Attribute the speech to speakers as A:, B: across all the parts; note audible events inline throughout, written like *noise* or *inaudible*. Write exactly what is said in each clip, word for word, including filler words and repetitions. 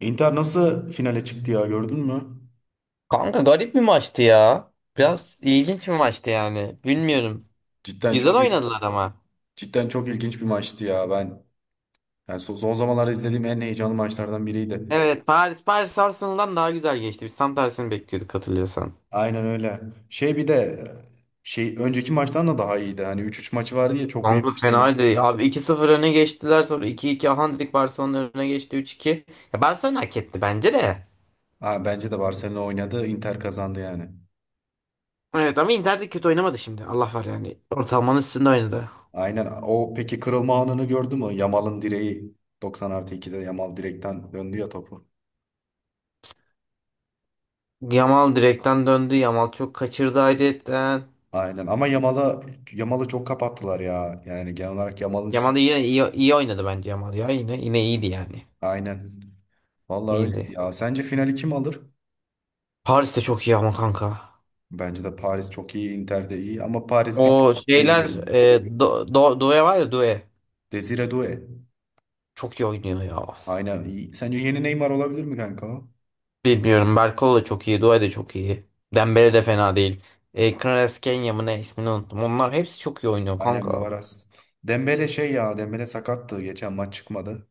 A: Inter nasıl finale çıktı ya, gördün mü?
B: Kanka garip bir maçtı ya. Biraz ilginç bir maçtı yani. Bilmiyorum.
A: Cidden
B: Güzel
A: çok
B: oynadılar ama.
A: cidden çok ilginç bir maçtı ya. Ben yani son, son zamanlarda izlediğim en heyecanlı maçlardan biriydi.
B: Evet, Paris Paris Arsenal'dan daha güzel geçti. Biz tam tersini bekliyorduk, hatırlıyorsan.
A: Aynen öyle. Şey, bir de şey önceki maçtan da daha iyiydi. Hani üç üç maçı vardı ya, çok iyi
B: Kanka
A: maç demiş.
B: fenaydı. Abi iki sıfır öne geçtiler, sonra iki iki 2 Handrik Barcelona öne geçti üç iki. Ya Barcelona hak etti bence de.
A: Ha, bence de Barcelona oynadı, Inter kazandı yani.
B: Evet, ama Inter de kötü oynamadı şimdi. Allah var yani. Ortalamanın üstünde oynadı.
A: Aynen. O peki kırılma anını gördü mü? Yamal'ın direği, doksan artı ikide Yamal direkten döndü ya topu.
B: Yamal direkten döndü. Yamal çok kaçırdı ayrıyetten.
A: Aynen ama Yamal'a Yamal'ı çok kapattılar ya. Yani genel olarak Yamal'ın...
B: Yamal da yine iyi, iyi oynadı bence Yamal ya. Yine yine iyiydi yani.
A: Aynen. Vallahi öyle
B: İyiydi.
A: ya. Sence finali kim alır?
B: Paris de çok iyi ama kanka.
A: Bence de Paris çok iyi, Inter de iyi ama Paris bir
B: O
A: tık üstte
B: şeyler
A: görüyorum.
B: e, do, do, Doué var ya Doué.
A: Desire Doué.
B: Çok iyi oynuyor ya.
A: Aynen iyi. Sence yeni Neymar olabilir mi kanka o?
B: Bilmiyorum. Berkol da çok iyi. Doué de çok iyi. Dembele de fena değil. E, Kvaratskhelia Kenya mı ne, ismini unuttum. Onlar hepsi çok iyi oynuyor
A: Aynen
B: kanka.
A: Kvaras. Dembele şey ya, Dembele sakattı. Geçen maç çıkmadı.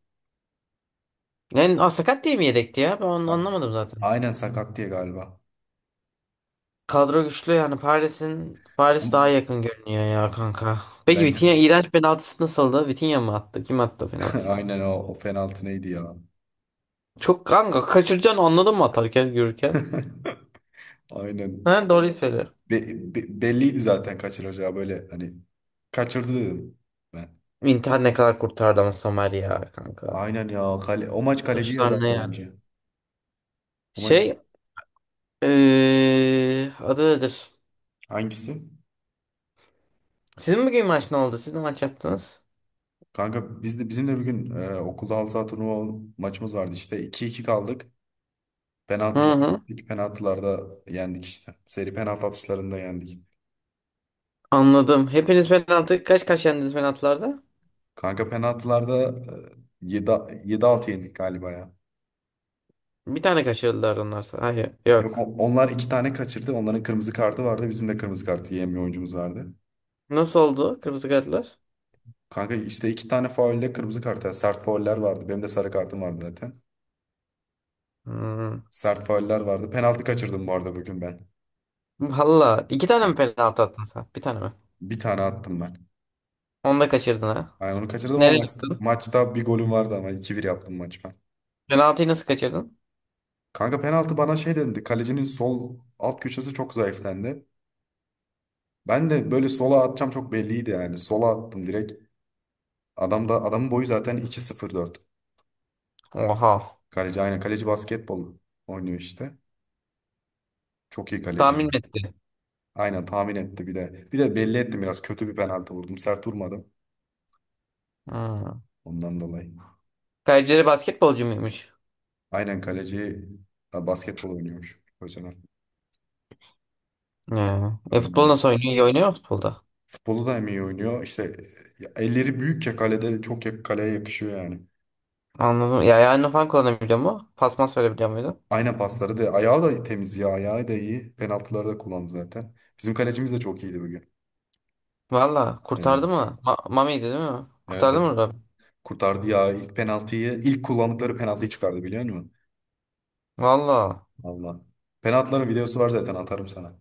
B: Yani aa, sakat diye mi yedekti ya? Ben onu
A: Ha.
B: anlamadım zaten.
A: Aynen sakat diye galiba.
B: Kadro güçlü yani, Paris'in Paris daha yakın görünüyor ya kanka. Peki
A: Bence,
B: Vitinha iğrenç penaltısı nasıldı? Vitinha mı attı? Kim attı
A: *laughs*
B: penaltıyı?
A: aynen o, o penaltı neydi ya?
B: Çok kanka kaçıracaksın, anladın mı, atarken yürürken?
A: *laughs* Aynen.
B: Ha, doğruyu söyle.
A: Be- be- belliydi zaten kaçıracağı, böyle hani kaçırdı dedim.
B: Inter ne kadar kurtardı ama Somer ya kanka.
A: Aynen ya. Kale, o maç kaleci
B: Kılıçlar
A: yazardı
B: ne yani?
A: bence. O maç
B: Şey, eee adı nedir?
A: hangisi?
B: Sizin bugün maç ne oldu? Siz ne maç yaptınız?
A: Kanka biz de bizim de bir gün e, okulda halı saha turnuva maçımız vardı işte. iki iki kaldık.
B: Hı
A: Penaltılar,
B: hı.
A: ilk penaltılarda yendik işte. Seri penaltı atışlarında yendik.
B: Anladım. Hepiniz penaltı kaç kaç yendiniz penaltılarda?
A: Kanka penaltılarda e, yedi 7 yendik galiba ya.
B: Bir tane kaçırdılar onlar. Hayır,
A: Yok,
B: yok.
A: on- onlar iki tane kaçırdı. Onların kırmızı kartı vardı. Bizim de kırmızı kartı yiyen bir oyuncumuz vardı.
B: Nasıl oldu kırmızı kartlar?
A: Kanka işte iki tane faulde kırmızı kart. Yani sert fauller vardı. Benim de sarı kartım vardı zaten.
B: Hmm.
A: Sert fauller vardı. Penaltı kaçırdım bu arada bugün ben.
B: Valla iki tane mi penaltı attın sen? Bir tane mi?
A: Bir tane attım ben.
B: Onu da kaçırdın ha.
A: Aynen onu kaçırdım ama
B: Nereye
A: maç-
B: gittin?
A: maçta bir golüm vardı ama iki bir yaptım maç ben.
B: Penaltıyı nasıl kaçırdın?
A: Kanka penaltı bana şey dedi. Kalecinin sol alt köşesi çok zayıflendi. Ben de böyle sola atacağım, çok belliydi yani. Sola attım direkt. Adam da adamın boyu zaten iki sıfır dört.
B: Oha.
A: Kaleci, aynen kaleci basketbol oynuyor işte. Çok iyi kaleci.
B: Tahmin mi etti.
A: Aynen tahmin etti bir de. Bir de belli ettim, biraz kötü bir penaltı vurdum. Sert vurmadım
B: Hmm.
A: ondan dolayı.
B: Kayseri basketbolcu muymuş?
A: Aynen kaleci, ha, basketbol oynuyormuş. Özener.
B: Ya. E futbol
A: Öyle.
B: nasıl oynuyor? İyi oynuyor mu futbolda?
A: Futbolu da hem iyi oynuyor. İşte e, elleri büyük ya, kalede çok ya, kaleye yakışıyor yani.
B: Anladım. Ya yani falan kullanabiliyor mu? Pas mas verebiliyor muydu?
A: Aynen, pasları da, ayağı da temiz ya, ayağı da iyi. Penaltıları da kullandı zaten. Bizim kalecimiz de çok iyiydi bugün.
B: Valla
A: Evet.
B: kurtardı mı? Ma Mami'ydi değil mi?
A: Evet,
B: Kurtardı
A: evet.
B: mı Rabbi?
A: Kurtardı ya ilk penaltıyı. İlk kullandıkları penaltıyı çıkardı, biliyor musun?
B: Valla.
A: Allah. Penaltıların videosu var zaten, atarım sana.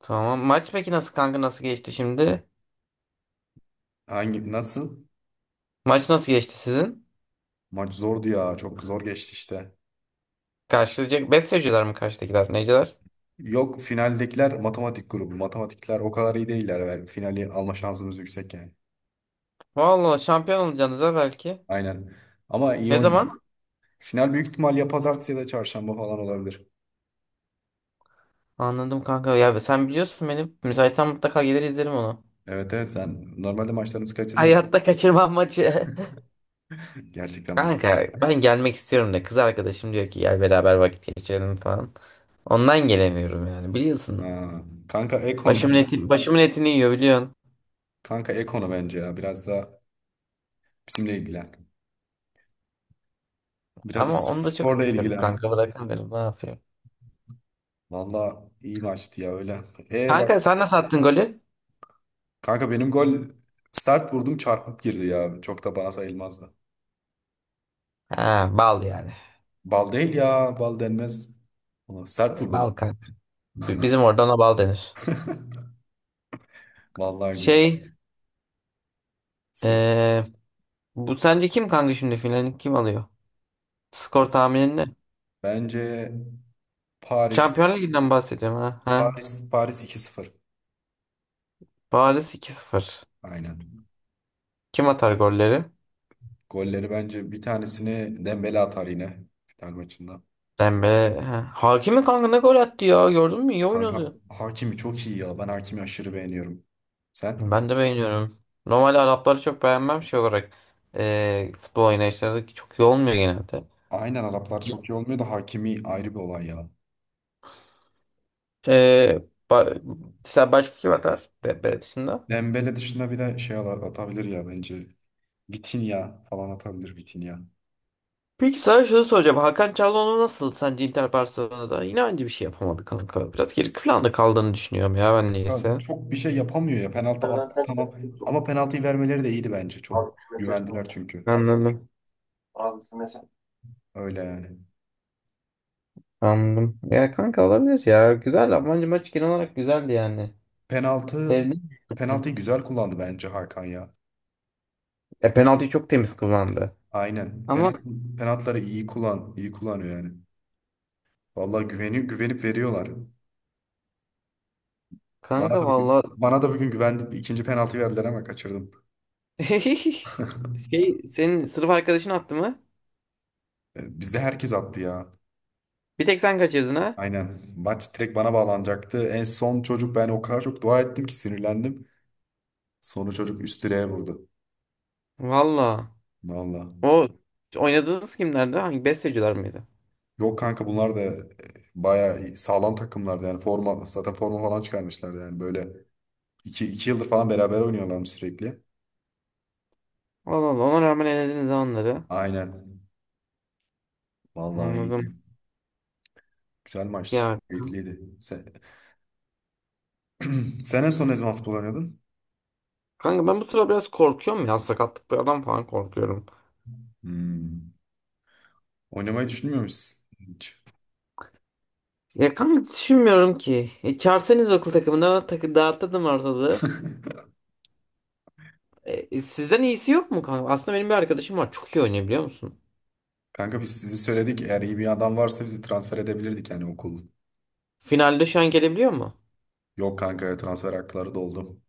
B: Tamam. Maç peki nasıl kanka, nasıl geçti şimdi?
A: Hangi nasıl?
B: Maç nasıl geçti sizin?
A: Maç zordu ya, çok zor geçti işte.
B: Karşılayacak besteciler mi karşıdakiler? Neciler?
A: Yok, finaldekiler matematik grubu. Matematikler o kadar iyi değiller. Yani finali alma şansımız yüksek yani.
B: Valla şampiyon olacaksınız ha belki.
A: Aynen. Ama iyi
B: Ne
A: oynadı.
B: zaman?
A: Final büyük ihtimal ya pazartesi ya da çarşamba falan olabilir.
B: Anladım kanka. Ya sen biliyorsun benim. Müsaitsen mutlaka gelir izlerim onu.
A: Evet, evet, sen normalde maçlarımızı kaçırmıyorsun.
B: Hayatta kaçırmam maçı. *laughs*
A: Gerçekten bir...
B: Kanka ben gelmek istiyorum da kız arkadaşım diyor ki gel beraber vakit geçirelim falan. Ondan gelemiyorum yani, biliyorsun.
A: Aa, Kanka
B: Başımın
A: Ekonu.
B: eti, başımın etini yiyor, biliyorsun.
A: Kanka Ekonu bence ya. Biraz da bizimle ilgilen. Biraz da
B: Ama onu da çok
A: sporla
B: seviyorum
A: ilgilen.
B: kanka, bırakamıyorum, ne yapayım.
A: Valla iyi maçtı ya, öyle. E bak
B: Kanka sen nasıl attın golü?
A: kanka, benim gol, sert vurdum çarpıp girdi ya. Çok da bana sayılmazdı.
B: Ha, bal yani.
A: Bal değil ya. Bal denmez. Ulan sert vurdum ama.
B: Bal kanka. B- bizim orada ona bal denir.
A: *laughs* Vallahi gül.
B: Şey,
A: Söyle.
B: eee, bu sence kim kanka, şimdi finalini kim alıyor? Skor tahminin ne?
A: Bence Paris,
B: Şampiyonlar Ligi'nden bahsediyorum, ha. Ha.
A: Paris Paris iki sıfır.
B: Paris iki sıfır.
A: Aynen.
B: Kim atar golleri?
A: Golleri bence bir tanesini Dembele atar yine final maçında.
B: Dembe. Ha. Hakimi kanka ne gol attı ya. Gördün mü? İyi
A: Kanka
B: oynadı.
A: Hakimi çok iyi ya. Ben Hakimi aşırı beğeniyorum. Sen?
B: Ben de beğeniyorum. Normalde Arapları çok beğenmem şey olarak. Ee, futbol oynayışları çok iyi olmuyor genelde.
A: Aynen, Araplar çok iyi olmuyor da Hakimi ayrı bir olay ya.
B: Ee, ba- sen başka kim atar? Dembe dışında.
A: Dembele dışında bir de şey ala- atabilir ya bence. Vitinha falan atabilir, Vitinha.
B: Peki sana şunu soracağım. Hakan Çalhanoğlu nasıl sence Inter Barcelona'da? Yine aynı bir şey yapamadı kanka. Biraz geri planda kaldığını düşünüyorum ya ben,
A: Ya
B: neyse.
A: çok bir şey yapamıyor ya. Penaltı at tamam. Ama penaltıyı vermeleri de iyiydi bence. Çok güvendiler çünkü.
B: Anladım.
A: Öyle yani.
B: Anladım. Ya kanka, olabilir ya. Güzel. Bence maç genel olarak güzeldi yani.
A: Penaltı
B: Sevdim.
A: penaltıyı güzel kullandı bence Hakan ya.
B: E penaltıyı çok temiz kullandı.
A: Aynen.
B: Ama
A: Penaltı, penaltıları iyi kullan, iyi kullanıyor yani. Vallahi güveni güvenip veriyorlar. Bana
B: kanka
A: da bugün
B: valla
A: bana da bugün güvendim. İkinci penaltı verdiler ama kaçırdım.
B: *laughs*
A: *laughs*
B: şey, senin sınıf arkadaşın attı mı?
A: E, Bizde herkes attı ya.
B: Bir tek sen kaçırdın ha?
A: Aynen. Maç direkt bana bağlanacaktı. En son çocuk, ben o kadar çok dua ettim ki sinirlendim. Sonra çocuk üst direğe vurdu.
B: Valla.
A: Vallahi.
B: O oynadığınız kimlerdi? Hangi besteciler miydi?
A: Yok kanka, bunlar da e, bayağı iyi- sağlam takımlardı yani, forma zaten forma falan çıkarmışlardı yani böyle iki, iki yıldır falan beraber oynuyorlarmış sürekli.
B: Allah Allah, ona rağmen elediniz ha onları.
A: Aynen. Vallahi iyiydi.
B: Anladım.
A: Güzel maçtı.
B: Ya
A: Keyifliydi. Sen, *clears throat* sen en son ne zaman futbol oynadın?
B: kanka ben bu sıra biraz korkuyorum ya, sakatlıklardan falan korkuyorum.
A: Hmm. Oynamayı düşünmüyor musun hiç?
B: Ya kanka düşünmüyorum ki. E, çağırsanız okul takımına, takı dağıtırdım ortalığı.
A: *laughs*
B: E, e, sizden iyisi yok mu kanka? Aslında benim bir arkadaşım var. Çok iyi oynuyor, biliyor musun?
A: Kanka biz sizi söyledik. Eğer iyi bir adam varsa bizi transfer edebilirdik yani okul.
B: Finalde şu an gelebiliyor mu?
A: Yok kanka, transfer hakları doldu.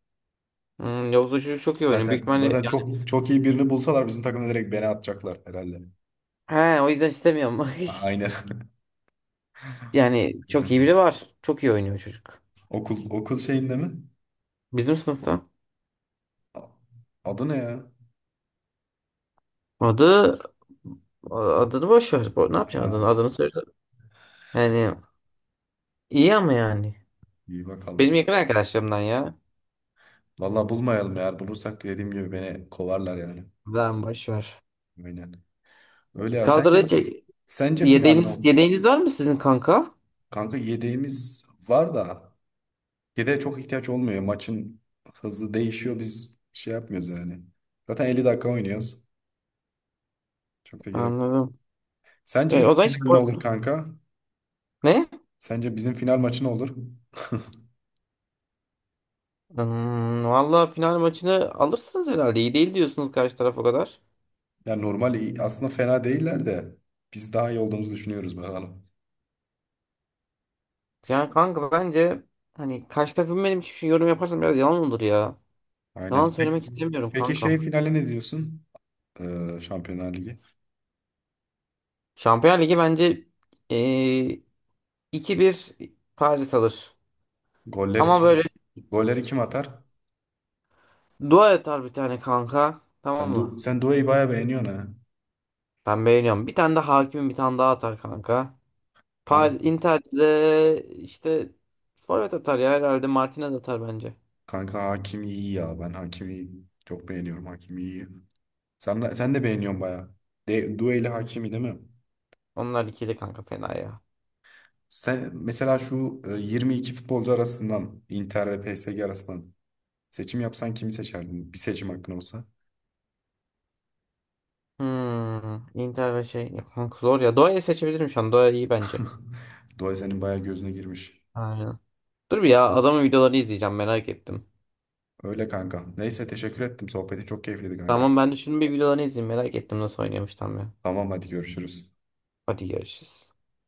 B: Hmm, yoksa çocuk çok iyi oynuyor. Büyük
A: Zaten
B: ihtimalle yani.
A: zaten çok çok iyi birini bulsalar bizim takımda direkt beni atacaklar herhalde.
B: He, o yüzden istemiyorum.
A: A-
B: *laughs*
A: Aynen.
B: Yani çok iyi biri
A: *laughs*
B: var. Çok iyi oynuyor çocuk.
A: Okul okul şeyinde mi?
B: Bizim sınıfta.
A: A- Adı ne ya?
B: Adı adını boş ver. Bu- Ne yapacaksın adını?
A: Ha,
B: Adını söyle. Yani iyi ama yani.
A: iyi
B: Benim
A: bakalım.
B: yakın arkadaşlarımdan ya.
A: Vallahi bulmayalım, eğer bulursak dediğim gibi beni kovarlar yani.
B: Lan boş ver.
A: Aynen. Öyle ya.
B: Kadroda
A: Sence
B: hiç-
A: sence final ne
B: yedeğiniz,
A: olur?
B: yedeğiniz var mı sizin kanka?
A: Kanka yedeğimiz var da yedeğe çok ihtiyaç olmuyor. Maçın hızı değişiyor. Biz şey yapmıyoruz yani. Zaten elli dakika oynuyoruz. Çok da gerek yok.
B: Anladım. E,
A: Sence
B: o zaman hiç...
A: final ne olur kanka?
B: Ne?
A: Sence bizim final maçı ne olur?
B: Hmm, valla final maçını alırsınız herhalde. İyi değil diyorsunuz karşı taraf o kadar.
A: Yani normal iyi- aslında fena değiller de biz daha iyi olduğumuzu düşünüyoruz, bakalım.
B: Yani kanka bence, hani karşı tarafın benim için şey yorum yaparsam biraz yalan olur ya.
A: Aynen.
B: Yalan söylemek
A: Peki,
B: istemiyorum
A: peki şey
B: kankam.
A: finale ne diyorsun? Ee, Şampiyonlar Ligi.
B: Şampiyon Ligi bence eee iki bir Paris alır.
A: Golleri
B: Ama
A: kim?
B: böyle
A: Golleri kim atar?
B: dua atar bir tane kanka. Tamam
A: Sen du
B: mı?
A: sen Due'yi bayağı beğeniyorsun
B: Ben beğeniyorum. Bir tane de hakim, bir tane daha atar kanka.
A: ha.
B: Paris, Inter'de işte forvet atar ya, herhalde Martinez atar bence.
A: Kanka Hakimi iyi ya. Ben Hakimi çok beğeniyorum. Hakimi iyi. Sen, de- sen de beğeniyorsun bayağı. De, Due ile Hakimi değil mi?
B: Onlar ikili kanka fena ya.
A: Sen, mesela şu e, yirmi iki futbolcu arasından Inter ve P S G arasından seçim yapsan kimi seçerdin? Bir seçim hakkın olsa.
B: Hmm, Inter ve şey ya kanka, zor ya. Doğa'yı seçebilirim şu an. Doğa iyi bence.
A: *laughs* Due senin bayağı gözüne girmiş.
B: Aynen. Dur bir ya, adamın videolarını izleyeceğim, merak ettim.
A: Öyle kanka. Neyse teşekkür ettim. Sohbeti çok keyifliydi kanka.
B: Tamam, ben de şunun bir videolarını izleyeyim, merak ettim nasıl oynuyormuş tam ya.
A: Tamam, hadi görüşürüz.
B: Hadi görüşürüz.